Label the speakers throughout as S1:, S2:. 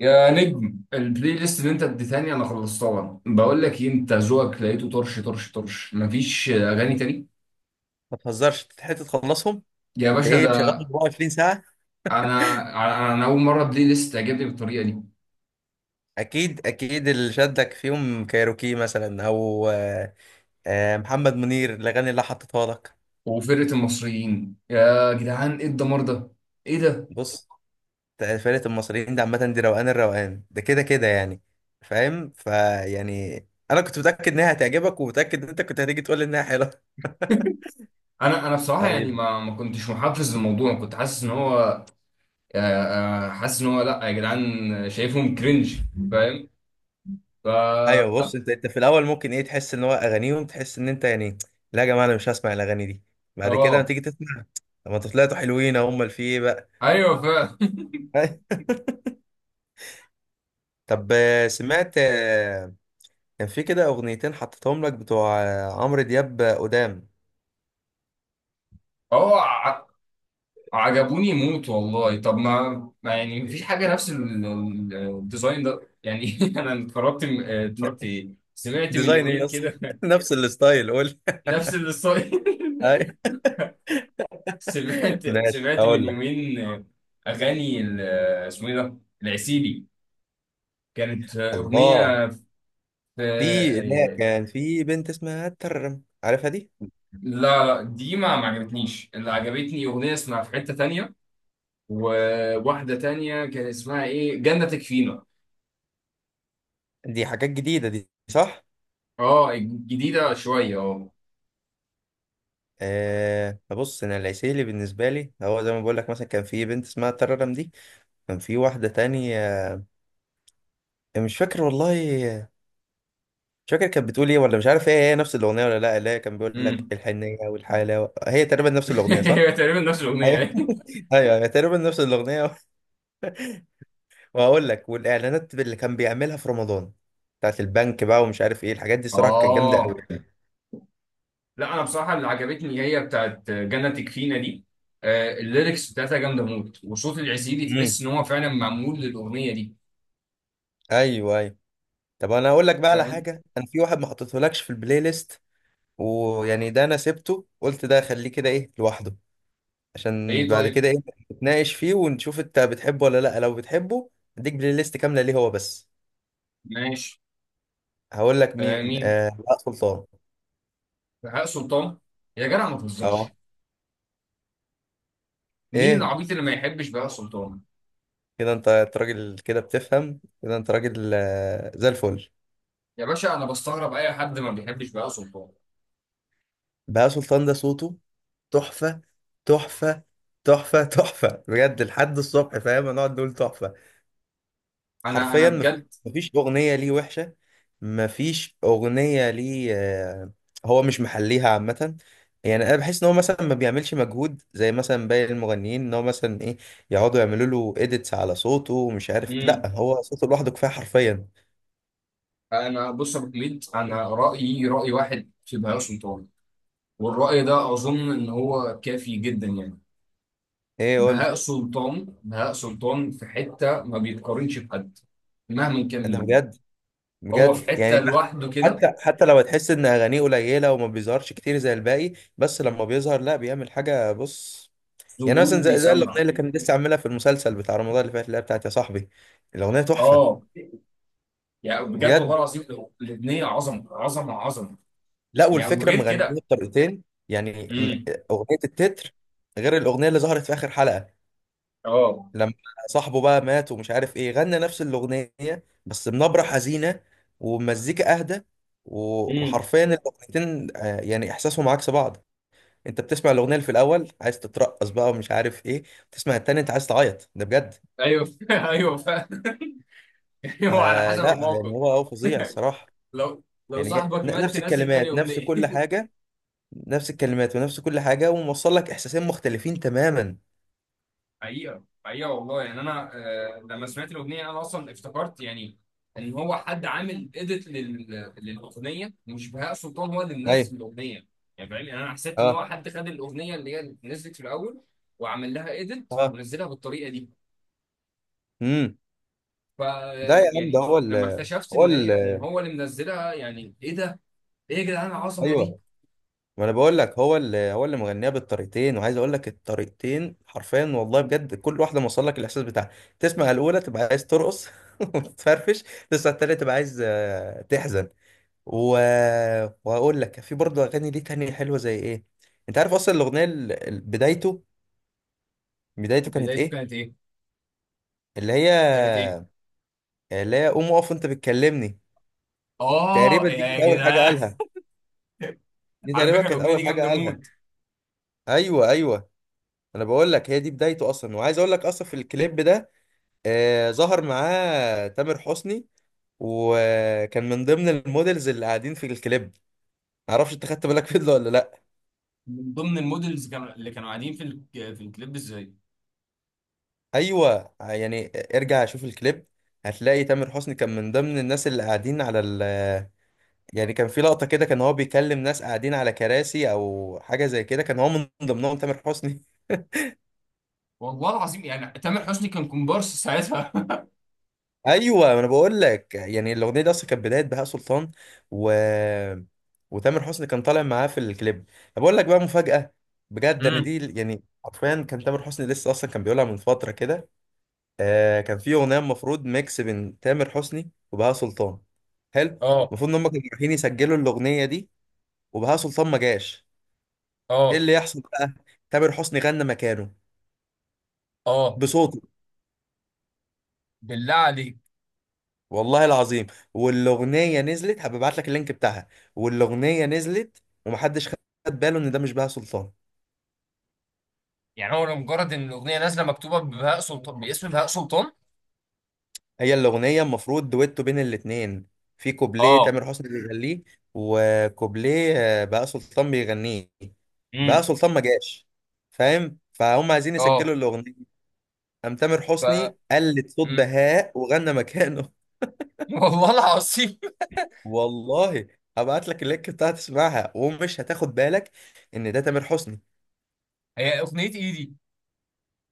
S1: يا نجم، البلاي ليست اللي انت اديتهاني انا خلصتها. بقول لك ايه، انت ذوقك لقيته طرش طرش طرش، مفيش اغاني تاني.
S2: ما تهزرش تتحت تخلصهم.
S1: يا
S2: انت
S1: باشا
S2: ايه
S1: ده.
S2: مشغلهم 24 ساعة؟
S1: انا انا اول مره بلاي ليست تعجبني بالطريقه دي.
S2: اكيد اللي شدك فيهم كايروكي مثلا او محمد منير الاغاني اللي حطيتها لك.
S1: وفرقه المصريين، يا جدعان ايه الدمار ده! ايه ده!
S2: بص، فرقة المصريين دي عامة دي روقان، الروقان ده كده كده يعني، فاهم انا كنت متأكد انها هتعجبك ومتأكد ان انت كنت هتيجي تقول لي انها حلوة.
S1: انا بصراحه يعني
S2: طيب.
S1: ما كنتش محفز للموضوع، كنت حاسس ان هو حاسس ان هو، لا يا جدعان. شايفهم كرنج، فاهم؟ ف
S2: ايوه بص، انت في الاول ممكن ايه تحس ان هو اغانيهم، تحس ان انت يعني لا يا جماعة انا مش هسمع الاغاني دي. بعد كده لما
S1: اه
S2: تيجي تسمع، طب ما انتوا طلعتوا حلوين، هم اللي في ايه بقى.
S1: ايوه فاهم.
S2: طب سمعت كان في كده اغنيتين حطيتهم لك بتوع عمرو دياب قدام.
S1: هو عجبوني موت والله. طب ما يعني مفيش حاجه نفس الديزاين ده يعني. انا اتفرجت،
S2: ن-
S1: اتفرجت ايه، سمعت من
S2: ديزاين
S1: يومين
S2: ايه اصلا؟
S1: كده.
S2: نفس الستايل قول.
S1: نفس الستايل.
S2: أي.
S1: سمعت
S2: ماشي
S1: سمعت من
S2: اقول لك.
S1: يومين اغاني اسمه ايه ده، العسيلي. كانت
S2: الله،
S1: اغنيه في
S2: في، لا، كان في بنت اسمها ترم عارفها دي؟
S1: لا، لا دي ما عجبتنيش، اللي عجبتني اغنيه اسمها في حته تانية. وواحده تانية كان اسمها ايه، جنة تكفينا.
S2: دي حاجات جديده دي صح.
S1: اه، جديده شويه.
S2: أه بص، انا العسيلي بالنسبه لي هو زي ما بقول لك مثلا، كان في بنت اسمها ترم دي، كان في واحده تانية، مش فاكر والله، مش فاكر كانت بتقول ايه ولا مش عارف، هي نفس الاغنيه ولا لا، كان بيقول
S1: اه،
S2: لك الحنيه والحاله، هي تقريبا نفس الاغنيه صح؟
S1: هي تقريبا نفس الاغنيه
S2: ايوه.
S1: يعني.
S2: ايوه أيوة، تقريبا نفس الاغنيه. وهقول لك والاعلانات اللي كان بيعملها في رمضان بتاعت البنك بقى ومش عارف ايه الحاجات دي، صراحه كانت جامده قوي.
S1: اه. لا انا بصراحه اللي عجبتني هي بتاعت جنة تكفينا دي. الليركس بتاعتها جامده موت، وصوت العزيزي تحس
S2: امم.
S1: ان هو فعلا معمول للاغنيه دي.
S2: ايوه ايوه. طب انا هقول لك بقى على
S1: فاهم.
S2: حاجه، انا في واحد ما حطيتهولكش في البلاي ليست، ويعني ده انا سبته قلت ده خليه كده ايه لوحده، عشان
S1: ايه
S2: بعد
S1: طيب.
S2: كده ايه نتناقش فيه ونشوف انت بتحبه ولا لا، لو بتحبه اديك بلاي ليست كامله ليه هو بس.
S1: ماشي.
S2: هقول لك
S1: آه،
S2: مين،
S1: مين؟
S2: آه لا سلطان.
S1: بهاء سلطان. يا جدع ما
S2: اه.
S1: تهزرش. مين
S2: ايه،
S1: العبيط اللي ما يحبش بهاء سلطان؟
S2: كده انت راجل كده بتفهم كده، انت راجل آه زي الفل.
S1: يا باشا، انا بستغرب اي حد ما بيحبش بهاء سلطان.
S2: بهاء سلطان ده صوته تحفة، تحفة، تحفة بجد، لحد الصبح فاهم هنقعد نقول تحفة.
S1: انا
S2: حرفيا مفيش،
S1: بجد.
S2: مفيش اغنيه ليه وحشه، مفيش اغنيه ليه هو مش محليها عامه. يعني انا بحس ان هو مثلا ما بيعملش مجهود زي مثلا باقي المغنيين، ان هو مثلا ايه يقعدوا يعملوا له اديتس على صوته ومش عارف، لا
S1: مم.
S2: هو صوته لوحده كفايه حرفيا.
S1: انا، بص يا ابو حميد، انا رايي راي واحد في بهاء سلطان. والرأي ده أظن إن هو كافي جدا يعني.
S2: ايه قول.
S1: بهاء سلطان، بهاء سلطان في حتة ما بيتقارنش بحد، مهما كان
S2: ده
S1: مين.
S2: بجد،
S1: هو
S2: بجد
S1: في حتة
S2: يعني.
S1: لوحده كده.
S2: حتى، حتى لو تحس ان اغانيه قليله وما بيظهرش كتير زي الباقي، بس لما بيظهر لا بيعمل حاجه. بص، يعني
S1: ظهوره
S2: مثلا زي
S1: بيسمع.
S2: الاغنيه اللي كان لسه عاملها في المسلسل بتاع رمضان اللي فات، اللي هي بتاعت يا صاحبي، الاغنيه تحفه
S1: آه، يعني بجد والله
S2: بجد.
S1: العظيم. الأغنية عظمة عظمة عظمة.
S2: لا،
S1: يعني
S2: والفكره
S1: وغير
S2: مغنيه
S1: كده.
S2: بطريقتين، يعني
S1: امم.
S2: اغنيه التتر، غير الاغنيه اللي ظهرت في اخر حلقه
S1: آه.
S2: لما صاحبه بقى مات ومش عارف ايه، غنى نفس الاغنيه بس بنبره حزينه ومزيكا اهدى.
S1: امم.
S2: وحرفيا الاغنيتين يعني احساسهم عكس بعض. انت بتسمع الاغنيه اللي في الاول عايز تترقص بقى ومش عارف ايه، تسمع التاني انت عايز تعيط. ده بجد،
S1: أيوه، أيوه فعلا. أيوه، على حسب
S2: فلا يعني
S1: الموقف.
S2: هو فظيع الصراحه.
S1: لو،
S2: يعني
S1: صاحبك مات
S2: نفس
S1: تنزل تاني
S2: الكلمات نفس
S1: أغنية.
S2: كل حاجة، نفس الكلمات ونفس كل حاجة وموصل لك إحساسين مختلفين تماما.
S1: حقيقة حقيقة والله، يعني أنا لما سمعت الأغنية أنا أصلا افتكرت يعني إن هو حد عامل إيديت للأغنية، مش بهاء سلطان هو اللي
S2: ايوه.
S1: منزل الأغنية. يعني فاهم، يعني أنا حسيت إن
S2: اه.
S1: هو حد خد الأغنية اللي هي نزلت في الأول وعمل لها إيديت
S2: اه.
S1: ونزلها بالطريقة دي.
S2: امم.
S1: ف
S2: ده يا عم ده
S1: يعني
S2: هو ال،
S1: لما اكتشفت
S2: هو ال،
S1: إن هو اللي منزلها، يعني إيه ده؟ إيه يا جدعان العظمة دي؟
S2: ايوه ما انا بقول لك هو ال، هو اللي مغنيها بالطريقتين، وعايز اقول لك الطريقتين حرفيا والله بجد، كل واحده موصل لك الاحساس بتاعها. تسمع الاولى تبقى عايز ترقص، وتفرفش. تسمع التانيه تبقى عايز تحزن و... وهقول لك في برضه اغاني ليه تانية حلوه زي ايه. انت عارف اصلا الاغنيه بدايته، بدايته كانت
S1: بدايته
S2: ايه؟
S1: كانت إيه؟
S2: اللي هي،
S1: كانت إيه؟
S2: اللي هي قوم اقف انت بتكلمني.
S1: آه
S2: تقريبا دي
S1: يا
S2: كانت اول حاجه
S1: جدعان.
S2: قالها، دي
S1: على
S2: تقريبا
S1: فكرة،
S2: كانت
S1: الأغنية دي
S2: اول حاجه
S1: جامدة موت.
S2: قالها. ايوه ايوه، انا بقول لك هي دي بدايته اصلا. وعايز اقول لك اصلا في الكليب ده آه ظهر معاه تامر حسني، وكان من ضمن المودلز اللي قاعدين في الكليب. معرفش انت خدت بالك فيديو ولا لا.
S1: من ضمن المودلز كانوا اللي كانوا قاعدين في في الكليب ازاي؟
S2: ايوه يعني ارجع شوف الكليب، هتلاقي تامر حسني كان من ضمن الناس اللي قاعدين على ال، يعني كان في لقطة كده كان هو بيكلم ناس قاعدين على كراسي او حاجة زي كده، كان هو من ضمنهم تامر حسني.
S1: والله العظيم، يعني تامر حسني كان كومبارس ساعتها.
S2: ايوه ما انا بقول لك، يعني الاغنية دي اصلا كانت بداية بهاء سلطان، و، وتامر حسني كان طالع معاه في الكليب. طب اقول لك بقى مفاجأة، بجد انا
S1: امم.
S2: دي يعني حرفيا، كان تامر حسني لسه اصلا كان بيقولها من فترة كده. آه كان في اغنية المفروض ميكس بين تامر حسني وبهاء سلطان. حلو.
S1: اه.
S2: المفروض ان هم كانوا رايحين يسجلوا الاغنية دي وبهاء سلطان ما جاش. ايه
S1: اه.
S2: اللي يحصل بقى، تامر حسني غنى مكانه
S1: اه.
S2: بصوته.
S1: بالله عليك.
S2: والله العظيم، والاغنيه نزلت، هبعت لك اللينك بتاعها، والاغنيه نزلت ومحدش خد باله ان ده مش بهاء سلطان.
S1: يعني هو لمجرد ان الاغنيه نازله مكتوبه ببهاء سلطان، باسم بهاء سلطان.
S2: هي الاغنيه المفروض دويتو بين الاتنين، في كوبليه
S1: اه.
S2: تامر حسني بيغنيه وكوبليه بهاء سلطان بيغنيه. بهاء
S1: امم.
S2: سلطان ما جاش، فاهم، فهم عايزين
S1: اه.
S2: يسجلوا الاغنيه، قام تامر
S1: ف
S2: حسني قلد صوت
S1: مم.
S2: بهاء وغنى مكانه.
S1: والله العظيم.
S2: والله. هبعت لك اللينك بتاعها تسمعها ومش هتاخد بالك ان ده تامر حسني.
S1: هي اغنيه ايه دي؟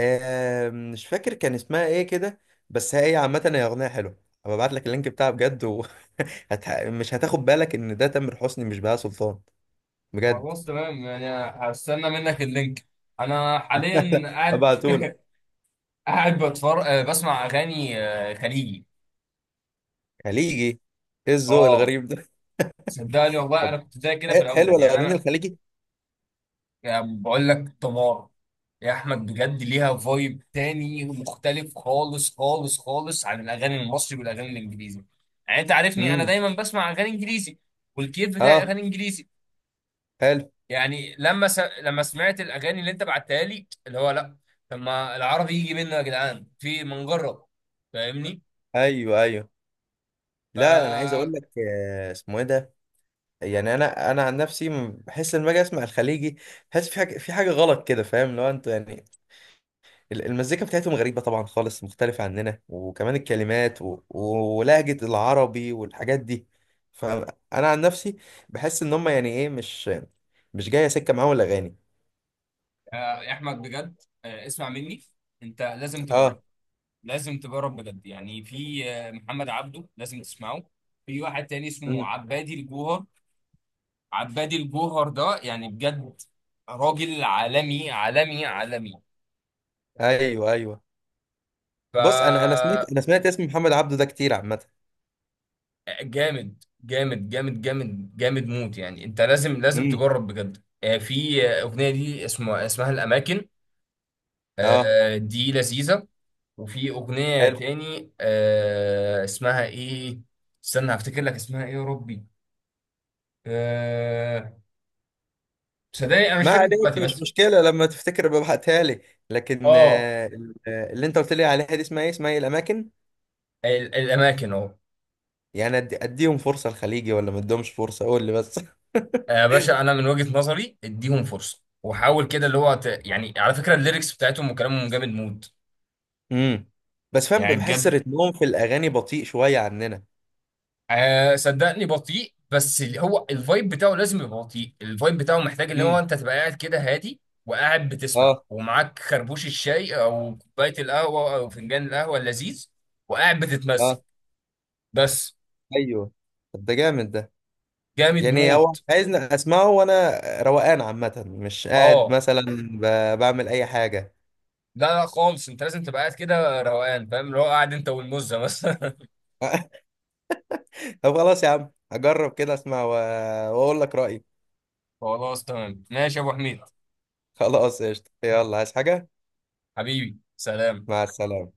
S2: آه مش فاكر كان اسمها ايه كده، بس هي عامة هي أغنية حلوة. هبعت لك اللينك بتاعها بجد وهت... مش هتاخد بالك إن ده تامر حسني مش بهاء سلطان، بجد.
S1: خلاص تمام يعني. هستنى منك اللينك. انا حاليا قاعد،
S2: هبعته لك.
S1: قاعد بتفرج بسمع اغاني خليجي.
S2: خليجي، ايه الذوق
S1: اه،
S2: الغريب ده.
S1: صدقني والله
S2: طب،
S1: انا كنت زي كده في
S2: حلوة
S1: الاول يعني
S2: الأغاني
S1: انا.
S2: الخليجي.
S1: يعني بقول لك تمار، يا احمد بجد، ليها فايب تاني مختلف خالص خالص خالص عن الاغاني المصري والاغاني الانجليزي. يعني انت عارفني، انا
S2: امم.
S1: دايما بسمع اغاني انجليزي. والكيف بتاعي
S2: اه.
S1: اغاني انجليزي.
S2: حلو.
S1: يعني لما سمعت الاغاني اللي انت بعتها لي اللي هو لا. طب ما العربي يجي منه يا جدعان، في ما نجرب. فاهمني؟
S2: ايوه ايوه،
S1: ف
S2: لا انا عايز اقول
S1: آه،
S2: لك اسمه ايه ده. يعني انا عن نفسي بحس ان باجي اسمع الخليجي بحس في حاجه، في حاجه غلط كده فاهم، لو انت يعني المزيكا بتاعتهم غريبة طبعا خالص، مختلفة عننا وكمان الكلمات و... ولهجة العربي والحاجات دي. فأنا عن نفسي بحس إن هم يعني إيه، مش مش جاية سكة معاهم الأغاني.
S1: يا احمد بجد، اسمع مني. انت لازم تجرب.
S2: آه.
S1: لازم تجرب بجد. يعني في محمد عبده، لازم تسمعه. في واحد تاني اسمه
S2: مم.
S1: عبادي الجوهر. عبادي الجوهر ده يعني بجد، راجل عالمي عالمي عالمي.
S2: أيوه أيوه،
S1: ف
S2: بص أنا سمعت، أنا سمعت اسم محمد عبده ده كتير عامة.
S1: جامد جامد جامد جامد جامد موت، يعني انت لازم
S2: امم.
S1: تجرب بجد. في اغنيه دي اسمها، الاماكن.
S2: آه.
S1: دي لذيذه. وفي اغنيه
S2: حلو.
S1: تاني اسمها ايه، استنى هفتكر لك اسمها ايه يا ربي. آه، صدقني انا مش
S2: ما
S1: فاكر
S2: علينا،
S1: دلوقتي
S2: مش
S1: بس.
S2: مشكلة، لما تفتكر ببعتها لي. لكن
S1: اه،
S2: اللي أنت قلت لي عليها دي اسمها إيه، اسمها إيه، الأماكن.
S1: الاماكن اهو.
S2: يعني أديهم فرصة الخليجي ولا ما أديهمش فرصة قول لي بس.
S1: يا باشا انا من وجهة نظري اديهم فرصه وحاول كده اللي هو يعني على فكره الليركس بتاعتهم وكلامهم جامد مود.
S2: امم. بس فاهم
S1: يعني
S2: بحس
S1: بجد.
S2: رتمهم في الاغاني بطيء شويه عننا.
S1: آه، صدقني بطيء. بس هو الفايب بتاعه لازم يبقى بطيء. الفايب بتاعه محتاج اللي هو
S2: امم.
S1: انت تبقى قاعد كده هادي وقاعد بتسمع
S2: اه.
S1: ومعاك خربوش الشاي او كوبايه القهوه او فنجان القهوه اللذيذ وقاعد بتتمزج
S2: اه.
S1: بس.
S2: ايوه. طب ده جامد ده،
S1: جامد
S2: يعني هو
S1: موت.
S2: عايزني اسمعه وانا روقان عامه مش قاعد
S1: اه.
S2: مثلا بعمل اي حاجه.
S1: لا، لا خالص، انت لازم تبقى قاعد كده روقان. فاهم؟ اللي هو قاعد انت والمزه مثلا.
S2: طب خلاص يا عم هجرب كده اسمع واقول لك رايي.
S1: خلاص تمام ماشي يا ابو حميد.
S2: خلاص قشطه، يلا عايز حاجه.
S1: حبيبي سلام.
S2: مع السلامه.